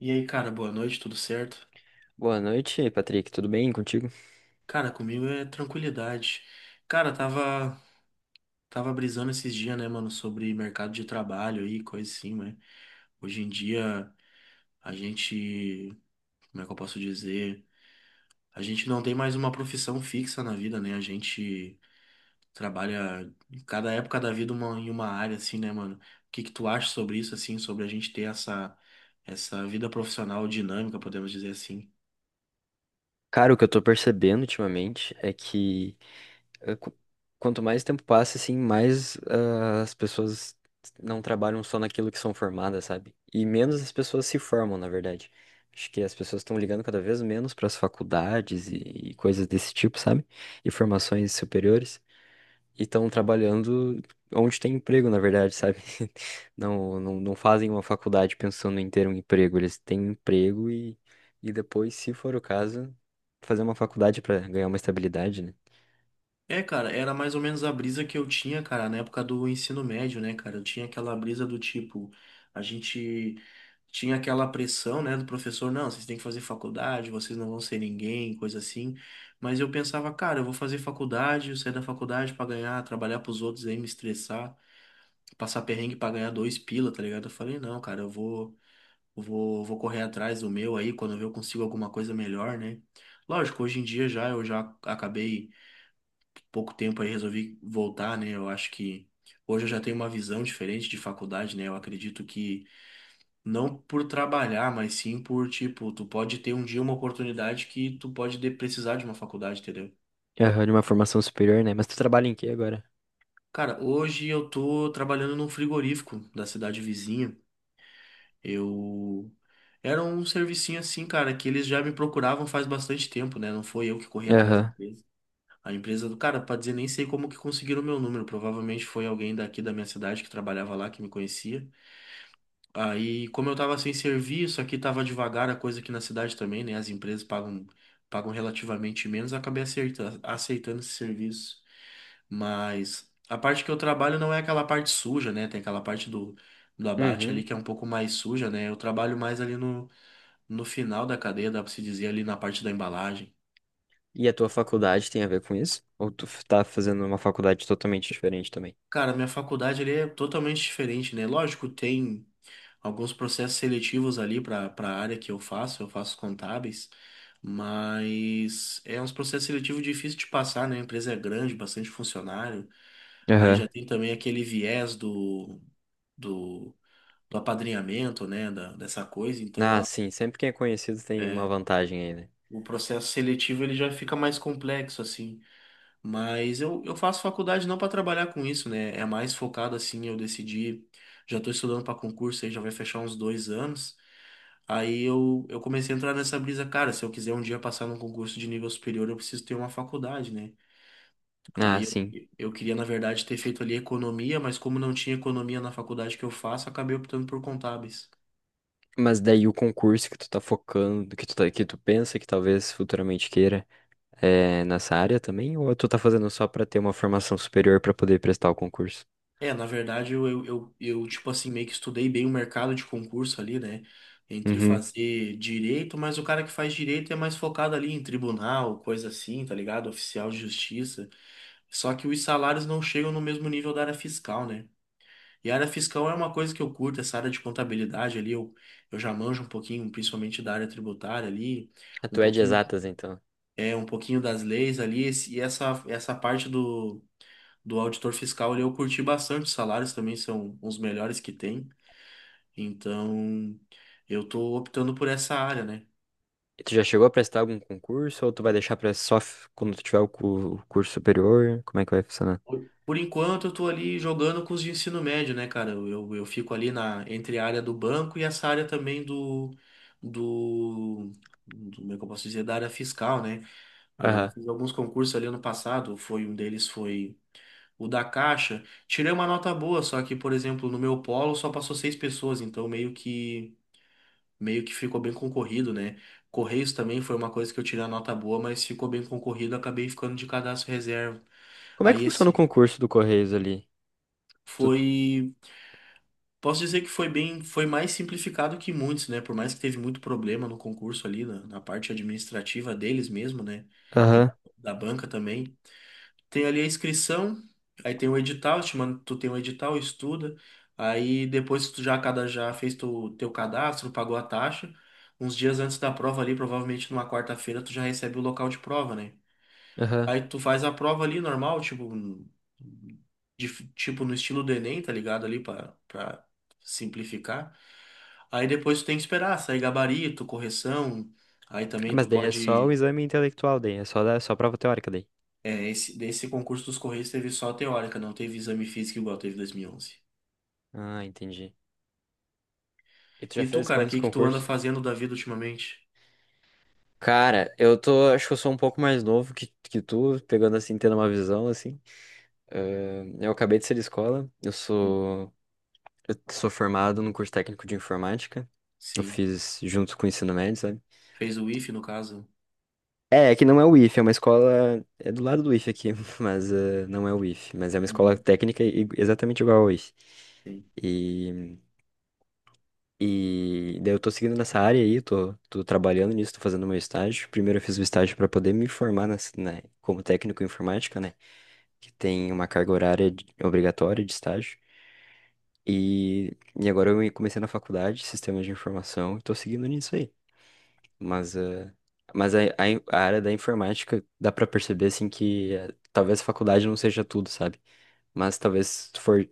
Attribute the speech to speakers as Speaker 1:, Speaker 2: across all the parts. Speaker 1: E aí, cara, boa noite, tudo certo?
Speaker 2: Boa noite, Patrick. Tudo bem contigo?
Speaker 1: Cara, comigo é tranquilidade. Cara, tava brisando esses dias, né, mano, sobre mercado de trabalho e coisa assim, né? Hoje em dia, a gente, como é que eu posso dizer? A gente não tem mais uma profissão fixa na vida, né? A gente trabalha em cada época da vida uma, em uma área, assim, né, mano? O que que tu acha sobre isso, assim, sobre a gente ter essa vida profissional dinâmica, podemos dizer assim?
Speaker 2: Cara, o que eu tô percebendo ultimamente é que eh, qu- quanto mais tempo passa, assim, mais as pessoas não trabalham só naquilo que são formadas, sabe? E menos as pessoas se formam, na verdade. Acho que as pessoas estão ligando cada vez menos para as faculdades e coisas desse tipo, sabe? E formações superiores. E estão trabalhando onde tem emprego, na verdade, sabe? Não, não, não fazem uma faculdade pensando em ter um emprego, eles têm um emprego e depois, se for o caso, fazer uma faculdade para ganhar uma estabilidade, né?
Speaker 1: É, cara, era mais ou menos a brisa que eu tinha, cara, na época do ensino médio, né, cara? Eu tinha aquela brisa do tipo, a gente tinha aquela pressão, né, do professor, não, vocês têm que fazer faculdade, vocês não vão ser ninguém, coisa assim. Mas eu pensava, cara, eu vou fazer faculdade, eu sair da faculdade pra ganhar, trabalhar pros outros aí, me estressar, passar perrengue pra ganhar dois pila, tá ligado? Eu falei, não, cara, eu vou correr atrás do meu aí, quando eu ver eu consigo alguma coisa melhor, né? Lógico, hoje em dia já eu já acabei pouco tempo aí resolvi voltar, né? Eu acho que hoje eu já tenho uma visão diferente de faculdade, né? Eu acredito que não por trabalhar, mas sim por, tipo, tu pode ter um dia uma oportunidade que precisar de uma faculdade, entendeu?
Speaker 2: Aham, de uma formação superior, né? Mas tu trabalha em quê agora?
Speaker 1: Cara, hoje eu tô trabalhando num frigorífico da cidade vizinha. Eu era um servicinho assim, cara, que eles já me procuravam faz bastante tempo, né? Não foi eu que corri atrás da
Speaker 2: Aham.
Speaker 1: empresa. A empresa do cara, pra dizer, nem sei como que conseguiram o meu número. Provavelmente foi alguém daqui da minha cidade que trabalhava lá, que me conhecia. Aí, como eu tava sem serviço, aqui tava devagar a coisa aqui na cidade também, né? As empresas pagam relativamente menos, eu acabei aceitando esse serviço. Mas a parte que eu trabalho não é aquela parte suja, né? Tem aquela parte do abate ali
Speaker 2: Uhum.
Speaker 1: que é um pouco mais suja, né? Eu trabalho mais ali no final da cadeia, dá pra se dizer, ali na parte da embalagem.
Speaker 2: E a tua faculdade tem a ver com isso? Ou tá fazendo uma faculdade totalmente diferente também?
Speaker 1: Cara, minha faculdade ali é totalmente diferente, né? Lógico, tem alguns processos seletivos ali para a área que eu faço contábeis, mas é uns processos seletivos difíceis de passar, né? A empresa é grande, bastante funcionário. Aí já
Speaker 2: Aham.
Speaker 1: tem também aquele viés do, do, do apadrinhamento, né? Dessa coisa. Então,
Speaker 2: Ah, sim, sempre quem é conhecido tem uma
Speaker 1: é,
Speaker 2: vantagem aí, né?
Speaker 1: o processo seletivo ele já fica mais complexo, assim. Mas eu faço faculdade não para trabalhar com isso, né? É mais focado, assim, eu decidi. Já estou estudando para concurso aí, já vai fechar uns dois anos. Aí eu comecei a entrar nessa brisa, cara, se eu quiser um dia passar num concurso de nível superior, eu preciso ter uma faculdade, né?
Speaker 2: Ah,
Speaker 1: Aí
Speaker 2: sim.
Speaker 1: eu queria, na verdade, ter feito ali economia, mas como não tinha economia na faculdade que eu faço, acabei optando por contábeis.
Speaker 2: Mas daí o concurso que tu tá focando, que tu pensa que talvez futuramente queira, é nessa área também? Ou tu tá fazendo só pra ter uma formação superior pra poder prestar o concurso?
Speaker 1: É, na verdade, tipo assim, meio que estudei bem o mercado de concurso ali, né? Entre
Speaker 2: Uhum.
Speaker 1: fazer direito, mas o cara que faz direito é mais focado ali em tribunal, coisa assim, tá ligado? Oficial de justiça. Só que os salários não chegam no mesmo nível da área fiscal, né? E a área fiscal é uma coisa que eu curto, essa área de contabilidade ali, eu já manjo um pouquinho, principalmente da área tributária ali,
Speaker 2: Ah,
Speaker 1: um
Speaker 2: tu é de
Speaker 1: pouquinho,
Speaker 2: exatas, então.
Speaker 1: é, um pouquinho das leis ali, e essa parte do auditor fiscal ali eu curti bastante, os salários também são os melhores que tem, então eu tô optando por essa área, né?
Speaker 2: E tu já chegou a prestar algum concurso ou tu vai deixar pra quando tu tiver o curso superior? Como é que vai funcionar?
Speaker 1: Por enquanto, eu tô ali jogando com os de ensino médio, né, cara? Eu fico ali na, entre a área do banco e essa área também do, como é que eu posso dizer, da área fiscal, né? Eu
Speaker 2: Aham.
Speaker 1: fiz alguns concursos ali ano passado, foi um deles foi o da Caixa. Tirei uma nota boa, só que, por exemplo, no meu polo só passou seis pessoas, então meio que ficou bem concorrido, né? Correios também foi uma coisa que eu tirei a nota boa, mas ficou bem concorrido, acabei ficando de cadastro reserva.
Speaker 2: Como é que
Speaker 1: Aí
Speaker 2: funciona o
Speaker 1: esse
Speaker 2: concurso do Correios ali? Tu...
Speaker 1: foi. Posso dizer que foi bem, foi mais simplificado que muitos, né? Por mais que teve muito problema no concurso ali, na parte administrativa deles mesmo, né? E da,
Speaker 2: Aham,
Speaker 1: da banca também. Tem ali a inscrição, aí tem o edital, te manda, tu tem o edital, estuda. Aí depois que tu já, cada, já fez tu, teu cadastro, pagou a taxa, uns dias antes da prova ali, provavelmente numa quarta-feira, tu já recebe o local de prova, né?
Speaker 2: aham.
Speaker 1: Aí tu faz a prova ali normal, tipo, tipo no estilo do Enem, tá ligado? Ali pra simplificar. Aí depois tu tem que esperar sair gabarito, correção. Aí
Speaker 2: Ah,
Speaker 1: também tu
Speaker 2: mas daí é só o
Speaker 1: pode.
Speaker 2: exame intelectual, daí é só prova teórica daí.
Speaker 1: É, esse, desse concurso dos Correios teve só a teórica, não teve exame físico igual teve 2011. E onze.
Speaker 2: Ah, entendi. E tu já
Speaker 1: E tu,
Speaker 2: fez
Speaker 1: cara, o
Speaker 2: quantos
Speaker 1: que que tu anda
Speaker 2: concursos?
Speaker 1: fazendo da vida ultimamente?
Speaker 2: Cara, eu tô, acho que eu sou um pouco mais novo que tu, pegando assim, tendo uma visão assim. Eu acabei de ser de escola, eu
Speaker 1: Sim.
Speaker 2: sou, eu sou formado no curso técnico de informática. Eu
Speaker 1: Sim.
Speaker 2: fiz junto com o ensino médio, sabe?
Speaker 1: Fez o ife no caso?
Speaker 2: É que não é o IF, é uma escola, é do lado do IF aqui, mas não é o IF, mas é uma escola
Speaker 1: Uhum.
Speaker 2: técnica exatamente igual ao IF.
Speaker 1: Sim.
Speaker 2: E, e daí eu tô seguindo nessa área aí, tô trabalhando nisso, tô fazendo meu estágio. Primeiro eu fiz o estágio pra poder me formar como técnico em informática, né? Que tem uma carga horária obrigatória de estágio. E agora eu comecei na faculdade, sistemas de informação, e tô seguindo nisso aí. Mas, eh, mas a área da informática dá pra perceber, assim, que talvez a faculdade não seja tudo, sabe? Mas talvez se tu for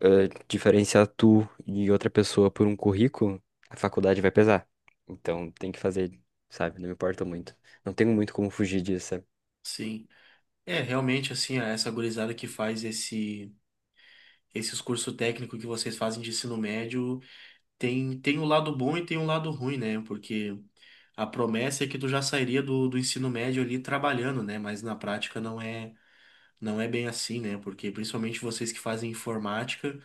Speaker 2: diferenciar tu e outra pessoa por um currículo, a faculdade vai pesar. Então tem que fazer, sabe? Não me importa muito. Não tenho muito como fugir disso, sabe?
Speaker 1: Sim. É, realmente, assim, essa gurizada que faz esses cursos técnicos que vocês fazem de ensino médio tem um lado bom e tem um lado ruim, né? Porque a promessa é que tu já sairia do ensino médio ali trabalhando, né? Mas na prática não é bem assim, né? Porque principalmente vocês que fazem informática,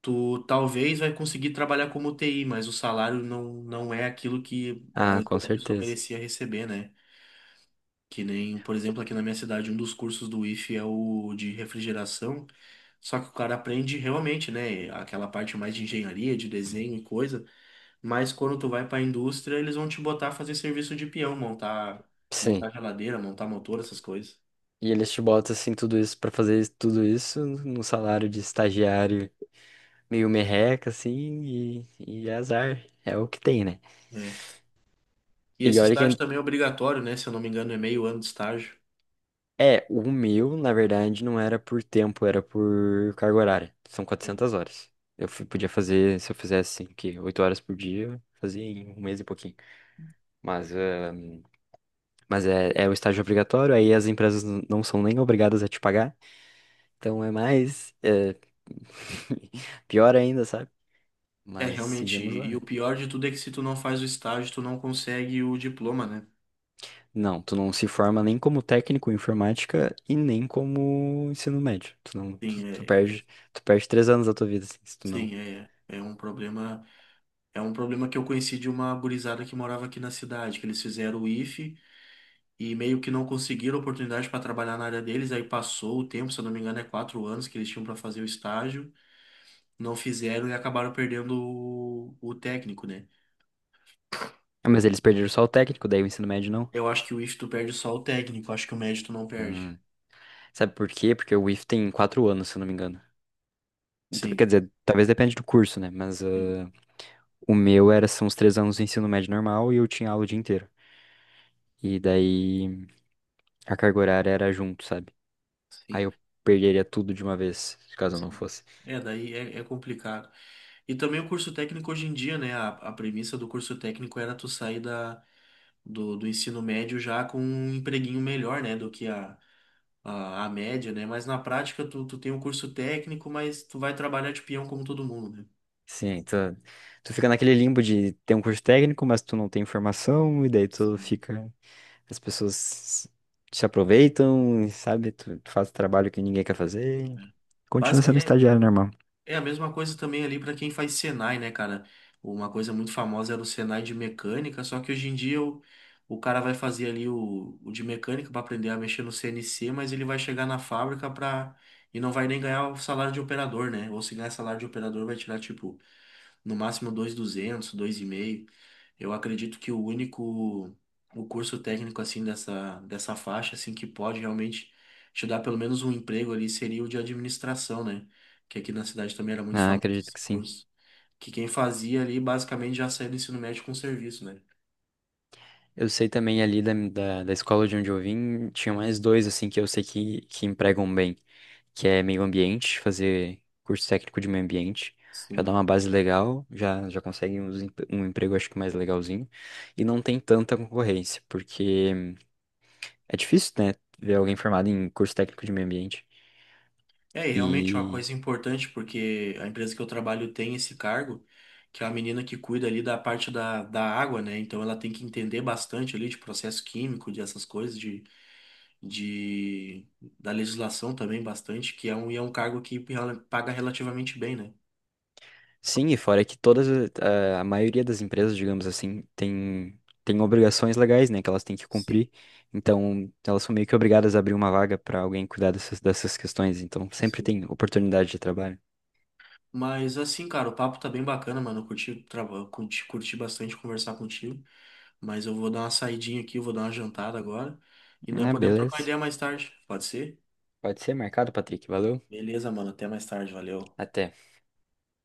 Speaker 1: tu talvez vai conseguir trabalhar como TI, mas o salário não é aquilo que
Speaker 2: Ah, com
Speaker 1: a pessoa
Speaker 2: certeza.
Speaker 1: merecia receber, né? Que nem, por exemplo, aqui na minha cidade, um dos cursos do IFE é o de refrigeração. Só que o cara aprende realmente, né? Aquela parte mais de engenharia, de desenho e coisa. Mas quando tu vai pra indústria, eles vão te botar a fazer serviço de peão, montar,
Speaker 2: Sim.
Speaker 1: montar geladeira, montar motor, essas coisas.
Speaker 2: E eles te botam assim tudo isso pra tudo isso num salário de estagiário meio merreca assim e é azar, é o que tem, né?
Speaker 1: É. E
Speaker 2: E
Speaker 1: esse
Speaker 2: olha que
Speaker 1: estágio também é obrigatório, né? Se eu não me engano, é meio ano de estágio.
Speaker 2: é, o meu, na verdade, não era por tempo, era por carga horária. São
Speaker 1: Sim.
Speaker 2: 400 horas. Podia fazer, se eu fizesse assim, que 8 horas por dia, eu fazia em um mês e pouquinho. Mas, ah, mas é o estágio obrigatório, aí as empresas não são nem obrigadas a te pagar. Então é mais, é, pior ainda, sabe?
Speaker 1: É,
Speaker 2: Mas
Speaker 1: realmente.
Speaker 2: seguimos lá,
Speaker 1: E o
Speaker 2: né?
Speaker 1: pior de tudo é que se tu não faz o estágio, tu não consegue o diploma, né?
Speaker 2: Não, tu não se forma nem como técnico em informática e nem como ensino médio. Tu não, tu,
Speaker 1: Sim,
Speaker 2: tu
Speaker 1: é, é-
Speaker 2: perde 3 anos da tua vida, assim, se tu não.
Speaker 1: sim, é, é um problema. É um problema que eu conheci de uma gurizada que morava aqui na cidade, que eles fizeram o IFE e meio que não conseguiram oportunidade para trabalhar na área deles, aí passou o tempo, se eu não me engano, é quatro anos que eles tinham para fazer o estágio, não fizeram e acabaram perdendo o técnico, né?
Speaker 2: Ah, mas eles perderam só o técnico, daí o ensino médio não.
Speaker 1: Eu acho que o IFE tu perde só o técnico, acho que o médio tu não perde.
Speaker 2: Hum. Sabe por quê? Porque o IF tem 4 anos, se eu não me engano. Então, quer
Speaker 1: Sim,
Speaker 2: dizer, talvez depende do curso, né?
Speaker 1: sim,
Speaker 2: O meu era, são os 3 anos do ensino médio normal e eu tinha aula o dia inteiro. E daí a carga horária era junto, sabe? Aí
Speaker 1: sim,
Speaker 2: eu perderia tudo de uma vez, caso eu não
Speaker 1: sim.
Speaker 2: fosse.
Speaker 1: É, daí é, é complicado. E também o curso técnico hoje em dia, né? A premissa do curso técnico era tu sair da do ensino médio já com um empreguinho melhor, né, do que a média, né? Mas na prática tu tem um curso técnico, mas tu vai trabalhar de peão como todo mundo, né?
Speaker 2: Sim, tu fica naquele limbo de ter um curso técnico, mas tu não tem formação, e daí tu
Speaker 1: Sim,
Speaker 2: fica. As pessoas te aproveitam, sabe? Tu faz trabalho que ninguém quer fazer.
Speaker 1: né?
Speaker 2: Continua sendo
Speaker 1: É,
Speaker 2: estagiário normal.
Speaker 1: é a mesma coisa também ali para quem faz Senai, né, cara? Uma coisa muito famosa era o Senai de mecânica, só que hoje em dia o cara vai fazer ali o de mecânica para aprender a mexer no CNC, mas ele vai chegar na fábrica para e não vai nem ganhar o salário de operador, né? Ou se ganhar salário de operador vai tirar tipo no máximo dois dois duzentos, dois mil e 2,5. Eu acredito que o único o curso técnico assim dessa faixa assim que pode realmente te dar pelo menos um emprego ali seria o de administração, né? Que aqui na cidade também era muito
Speaker 2: Ah,
Speaker 1: famoso
Speaker 2: acredito
Speaker 1: esse
Speaker 2: que sim.
Speaker 1: curso, que quem fazia ali basicamente já saía do ensino médio com serviço, né?
Speaker 2: Eu sei também ali da escola de onde eu vim, tinha mais dois, assim, que eu sei que empregam bem, que é meio ambiente, fazer curso técnico de meio ambiente, já dá
Speaker 1: Sim.
Speaker 2: uma base legal, já consegue emprego, acho que mais legalzinho, e não tem tanta concorrência, porque é difícil, né, ver alguém formado em curso técnico de meio ambiente,
Speaker 1: É, e realmente é uma coisa importante porque a empresa que eu trabalho tem esse cargo que é a menina que cuida ali da parte da água, né? Então ela tem que entender bastante ali de processo químico, de essas coisas, de da legislação também bastante, que é um, e é um cargo que paga relativamente bem, né?
Speaker 2: Sim, e fora que todas, a maioria das empresas, digamos assim, tem obrigações legais, né, que elas têm que
Speaker 1: Sim,
Speaker 2: cumprir. Então, elas são meio que obrigadas a abrir uma vaga para alguém cuidar dessas questões. Então, sempre
Speaker 1: sim.
Speaker 2: tem oportunidade de trabalho.
Speaker 1: Mas assim, cara, o papo tá bem bacana, mano. Eu curti, curti, curti bastante conversar contigo, mas eu vou dar uma saidinha aqui, eu vou dar uma jantada agora. E nós
Speaker 2: Ah,
Speaker 1: podemos trocar uma
Speaker 2: beleza.
Speaker 1: ideia mais tarde, pode ser?
Speaker 2: Pode ser marcado, Patrick. Valeu.
Speaker 1: Beleza, mano. Até mais tarde, valeu.
Speaker 2: Até.